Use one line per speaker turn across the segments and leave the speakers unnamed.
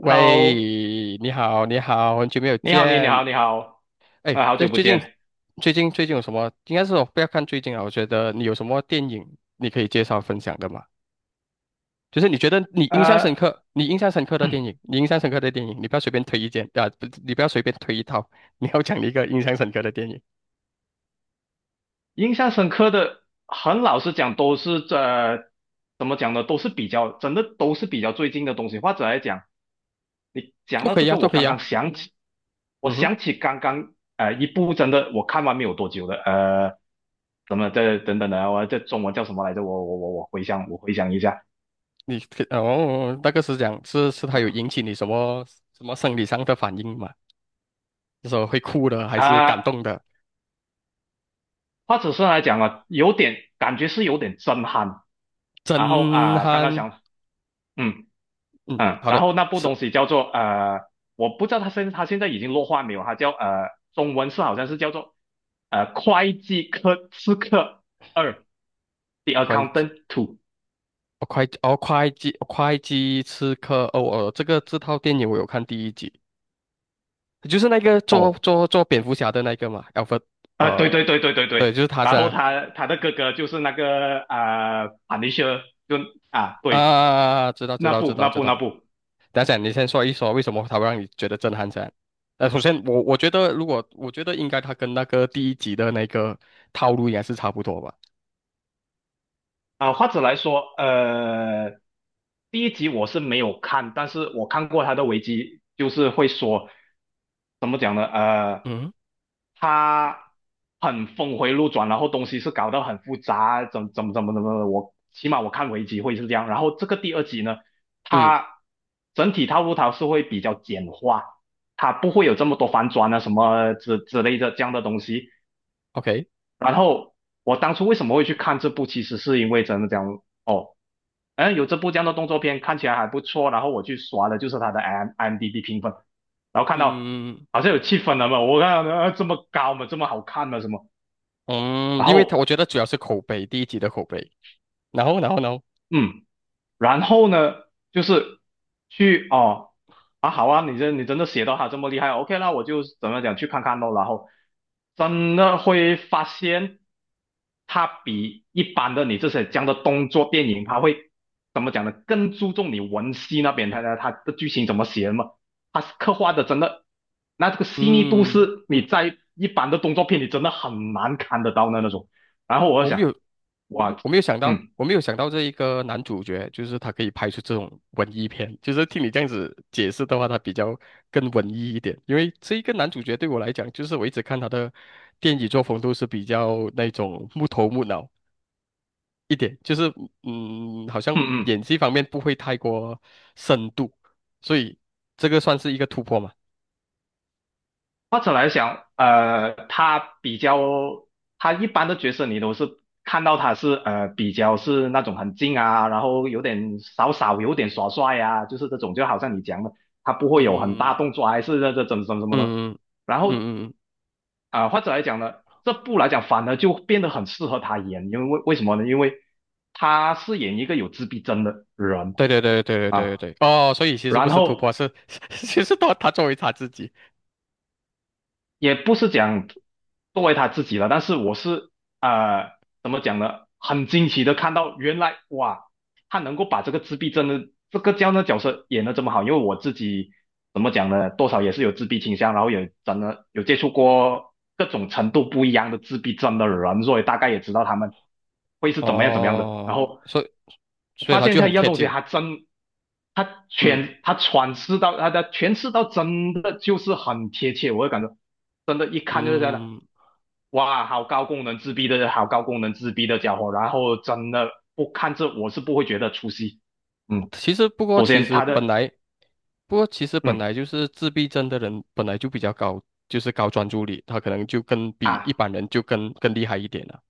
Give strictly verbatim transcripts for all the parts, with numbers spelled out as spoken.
Hello，
你好，你好，很久没有
你好，你你
见。
好，你好，
哎，
啊、好久
对，
不
最近，
见。
最近，最近有什么？应该是我不要看最近啊。我觉得你有什么电影你可以介绍分享的吗？就是你觉得你印象深
呃，
刻，你印象深刻的电影，你印象深刻的电影，你不要随便推一件啊，不，你不要随便推一套，你要讲一个印象深刻的电影，
印象深刻的，很老实讲，都是这怎么讲呢，都是比较，真的都是比较最近的东西。或者来讲，你讲
都
到
可
这
以啊，
个，
都
我
可以
刚刚
啊。
想起，我
嗯哼，
想起刚刚呃一部真的我看完没有多久的，呃，怎么这等等的，我这中文叫什么来着？我我我我回想，我回想一下。
你可哦，那个是讲是是它有引起你什么什么生理上的反应吗？那说会哭的，还是感
啊、
动的，
或者是来讲啊，有点感觉是有点震撼。然后
震
啊、刚刚
撼？
想。嗯。
嗯，
嗯，
好
然
的，
后那部
刺
东西叫做呃，我不知道他现它现在已经落画没有，它叫呃，中文是好像是叫做呃会计科刺客二，The
会计，
Accountant Two。
哦会计，哦会计，会计刺客，哦哦，这个这套电影我有看第一集，就是那个做
哦，
做做蝙蝠侠的那个嘛 a l f r e
啊，对对
呃，
对对对对，
对，就是他
然后
噻，
他他的哥哥就是那个啊、呃 p u n i s h e 就啊对，
啊，知道知
那
道知
部
道
那
知
部那
道，
部
等一下你先说一说为什么他会让你觉得震撼噻？呃，首先我我觉得如果我觉得应该他跟那个第一集的那个套路应该是差不多吧，
啊，或者来说，呃，第一集我是没有看，但是我看过他的危基，就是会说怎么讲呢？呃。
嗯
他很峰回路转，然后东西是搞得很复杂，怎怎么怎么怎么的，我起码我看为集会是这样。然后这个第二集呢，
嗯
它整体套路它是会比较简化，它不会有这么多反转啊什么之之类的这样的东西。
，OK，
然后我当初为什么会去看这部，其实是因为真的讲哦，嗯，有这部这样的动作片看起来还不错，然后我去刷的就是它的 m m d b 评分，然后看到。
嗯
好像有七分了嘛，我看到啊这么高嘛，这么好看嘛，什么？
嗯，
然
因为他
后
我觉得主要是口碑，第一集的口碑。然后，然后呢？
嗯，然后呢，就是去哦啊好啊，你真你真的写到他这么厉害，OK, 那我就怎么讲去看看咯，然后真的会发现他比一般的你这些这样的动作电影，他会怎么讲呢？更注重你文戏那边，他他他的剧情怎么写的嘛，他是刻画的真的，那这个细腻度
嗯，
是你在一般的动作片里真的很难看得到的那种。然后我就
我没
想，
有，
哇，
我没有想到，
嗯
我没有想到这一个男主角，就是他可以拍出这种文艺片。就是听你这样子解释的话，他比较更文艺一点。因为这一个男主角对我来讲，就是我一直看他的电影作风都是比较那种木头木脑一点，就是嗯，好
嗯
像
嗯。
演技方面不会太过深度，所以这个算是一个突破嘛。
或者来讲，呃，他比较，他一般的角色你都是看到他是呃比较是那种很静啊，然后有点少少有点耍帅啊，就是这种，就好像你讲的，他不会有很大
嗯
动作啊还是那这怎么怎么什么的。
嗯嗯
然
嗯
后
嗯嗯嗯。
啊、呃或者来讲呢，这部来讲反而就变得很适合他演，因为为为什么呢？因为他饰演一个有自闭症的人
对对对对对对
啊，
对对，哦，所以其实不
然
是突破，
后
是 其实他他作为他自己，
也不是讲作为他自己了，但是我是呃怎么讲呢？很惊奇的看到原来哇，他能够把这个自闭症的这个这样的角色演的这么好，因为我自己怎么讲呢？多少也是有自闭倾向，然后也真的有接触过各种程度不一样的自闭症的人，所以大概也知道他们会是怎么样怎么样的。然
哦，
后
所以所以
发
他
现
就
他
很
一样
贴
东西，
近，
还真，他
嗯
全他诠释到他的诠释到真的就是很贴切，我会感觉真的，一看就是这样的，
嗯，
哇，好高功能自闭的，好高功能自闭的家伙，然后真的不看这我是不会觉得出戏，嗯，
其实不过
首
其
先
实
他
本
的
来不过其实本
嗯。
来就是自闭症的人本来就比较高，就是高专注力，他可能就更比一
啊。
般人就更更厉害一点了，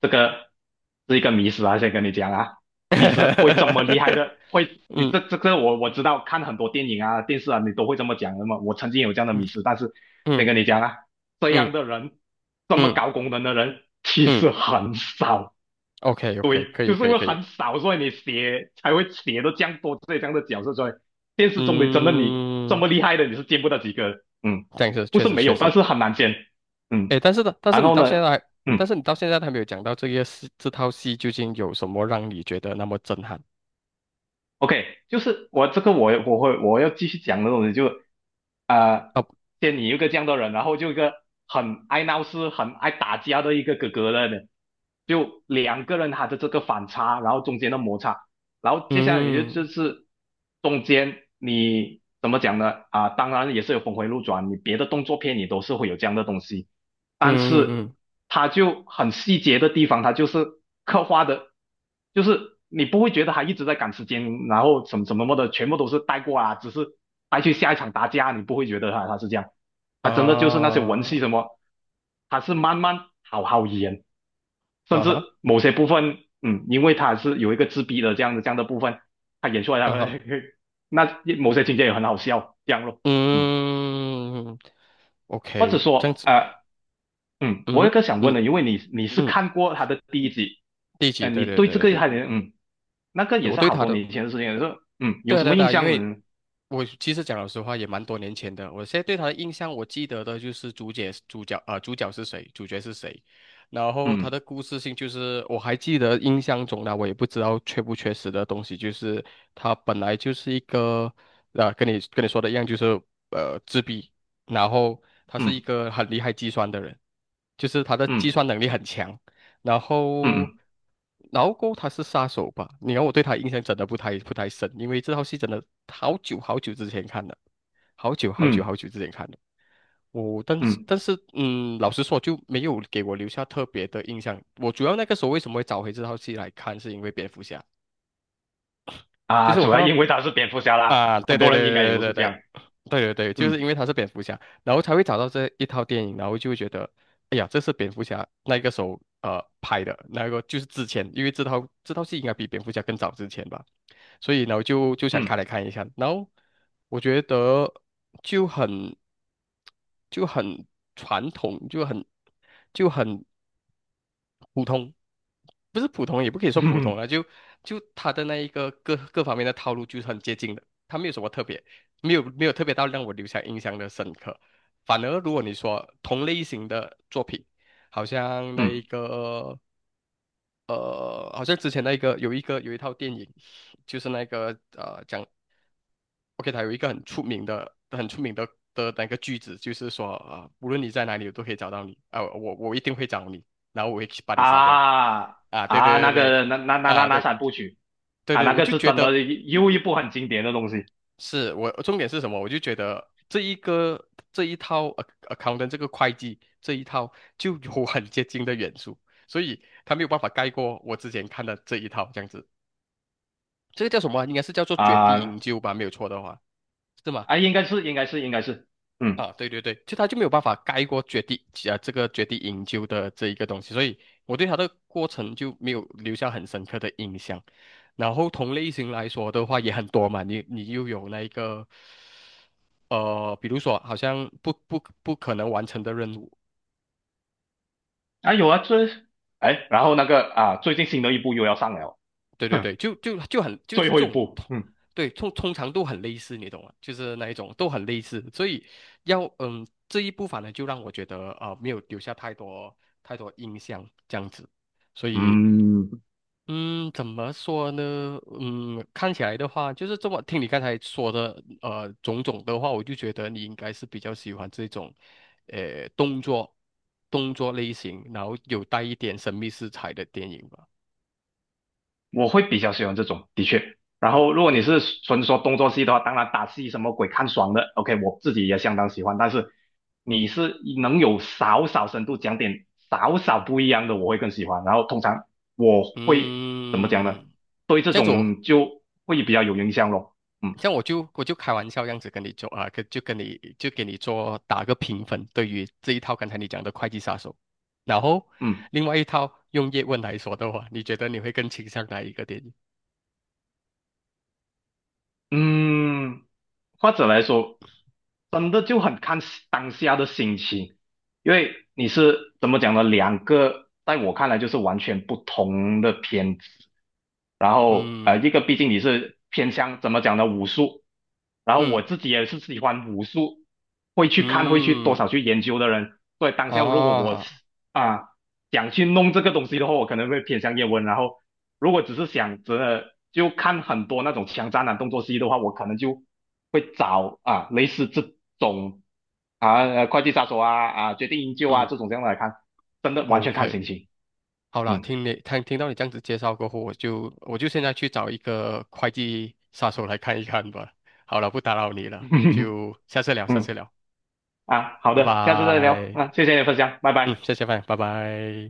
这个是一个迷思啊，先跟你讲啊，其实会这么厉害的，会 你
嗯
这这个我我知道，看很多电影啊、电视啊，你都会这么讲的嘛。我曾经有这样的
嗯
迷思，但是先
嗯
跟你讲啊，这
嗯
样的人，这么
嗯
高功能的人，其
嗯
实很少。
，OK OK，
对，
可
就
以
是
可
因
以
为
可以，
很少，所以你写才会写到这样多这样的角色，所以电视中的真的你这
嗯，
么厉害的，你是见不到几个，嗯，
这样是
不
确
是
实
没
确
有，但
实。
是很难见，嗯，
哎，但是呢，但是
然
你
后
到
呢，
现在还但
嗯。
是你到现在还没有讲到这个戏，这套戏究竟有什么让你觉得那么震撼？
OK,就是我这个我我会我要继续讲的东西就，呃，
哦，
先你一个这样的人，然后就一个很爱闹事、很爱打架的一个哥哥了呢，就两个人他的这个反差，然后中间的摩擦，然后接下来也就就
嗯
是中间你怎么讲呢？啊、当然也是有峰回路转，你别的动作片你都是会有这样的东西，但
嗯
是
嗯
他就很细节的地方，他就是刻画的，就是你不会觉得他一直在赶时间，然后什么什么么的，全部都是带过啊，只是带去下一场打架，你不会觉得他他是这样，
嗯
他真的就是那些文
啊
戏什么，他是慢慢好好演，甚
啊
至
哈
某些部分，嗯，因为他是有一个自闭的这样的这样的部分，他演出来他
啊
会
哈
那某些情节也很好笑，这样咯。嗯，
嗯
或
，OK，
者
嗯，OK，这样
说，
子，
呃，嗯，我有
嗯
个想问
嗯
的，因为你你是
嗯，
看过他的第一集，
第几？
嗯、
对
你
对
对
对
这
对
个还
对，
有嗯，那个也
我
是
对
好
他
多
的，
年前的事情，是嗯，有
对啊
什
对啊
么
对
印
啊，因
象
为
呢？
我其实讲老实话也蛮多年前的，我现在对他的印象，我记得的就是主角主角啊、呃主角是谁，主角是谁，然后他
嗯
的故事性就是我还记得印象中呢，我也不知道缺不缺失的东西，就是他本来就是一个啊跟你跟你说的一样，就是呃自闭，然后他是一
嗯
个很厉害计算的人，就是他的计
嗯
算能力很强，然后，
嗯
然后过后他是杀手吧？你看我对他印象真的不太不太深，因为这套戏真的好久好久之前看的，好久好
嗯
久好
嗯
久之前看的。我但是
嗯
但是嗯，老实说就没有给我留下特别的印象。我主要那个时候为什么会找回这套戏来看，是因为蝙蝠侠。就
啊，
是我
主
看
要
到
因为他是蝙蝠侠啦，
啊，对
很
对
多人应该也
对对
都
对
是这
对
样，
对对对，就是
嗯
因为他是蝙蝠侠，然后才会找到这一套电影，然后就会觉得，哎呀，这是蝙蝠侠那个时候呃拍的，那个就是之前，因为这套这套戏应该比蝙蝠侠更早之前吧，所以呢我就就想开
嗯
来看一下，然后我觉得就很就很传统，就很就很。普通，不是普通，也不可以说普通
嗯
了，就就他的那一个各各方面的套路就是很接近的，他没有什么特别，没有没有特别到让我留下印象的深刻。反而如果你说同类型的作品，好像那一
嗯
个呃，好像之前那一个有一个有一套电影，就是那个呃讲 OK，它有一个很出名的、很出名的的那个句子，就是说啊、呃无论你在哪里，我都可以找到你啊、我我一定会找你，然后我会去把你杀掉
啊
啊！对
啊，
对
那
对对，
个那那那那
啊
那
对
三部曲
对
啊，
对，
那
我
个
就
是
觉
真的
得
又一部很经典的东西
是我重点是什么？我就觉得这一个这一套呃 c accountant 这个会计这一套就有很接近的元素，所以它没有办法盖过我之前看的这一套这样子。这个叫什么啊应该是叫做绝地营
啊
救吧，没有错的话，是吗？
啊，应该是应该是应该是，嗯。
啊，对对对，就他就没有办法盖过绝地啊这个绝地营救的这一个东西，所以我对他的过程就没有留下很深刻的印象。然后同类型来说的话也很多嘛，你你又有那一个，呃，比如说好像不不不可能完成的任务，
啊有啊，这哎，然后那个啊，最近新的一部又要上了，
对对对，
哼，
就就就很就是
最
这
后一
种
部，
通，
嗯
对，通通常都很类似，你懂吗？就是那一种都很类似，所以要嗯这一部反而就让我觉得啊没有留下太多太多印象这样子。所以
嗯，
嗯，怎么说呢？嗯，看起来的话，就是这么听你刚才说的，呃，种种的话，我就觉得你应该是比较喜欢这种，呃，动作动作类型，然后有带一点神秘色彩的电影吧。
我会比较喜欢这种，的确。然后如果
y
你是纯说动作戏的话，当然打戏什么鬼看爽的，OK,我自己也相当喜欢。但是你是能有少少深度讲点少少不一样的，我会更喜欢。然后通常我会怎么讲呢？
嗯，
对这
这样子我，
种就会比较有影响咯，嗯
这样我就我就开玩笑这样子跟你做啊，跟就跟你就给你做打个评分，对于这一套刚才你讲的《会计杀手》，然后
嗯。
另外一套用叶问来说的话，你觉得你会更倾向哪一个电影？
嗯，或者来说，真的就很看时当下的心情，因为你是怎么讲呢？两个在我看来就是完全不同的片子，然后呃，一
嗯
个毕竟你是偏向怎么讲呢，武术，然后我
嗯
自己也是喜欢武术，会去看，会去多
嗯
少去研究的人。所以当下如果我是
啊
啊想去弄这个东西的话，我可能会偏向叶问。然后如果只是想着就看很多那种枪战啊动作戏的话，我可能就会找啊类似这种啊快递杀手啊啊决定营救啊
嗯
这种这样的来看，真的完全看心
，OK，
情。
好啦，
嗯
听你听听到你这样子介绍过后，我就我就现在去找一个会计杀手来看一看吧。好了，不打扰你了，就下次聊，下次
嗯
聊，
啊，好
拜
的，下次再聊
拜。
啊，谢谢你的分享，拜
嗯，
拜。
谢谢饭，拜拜。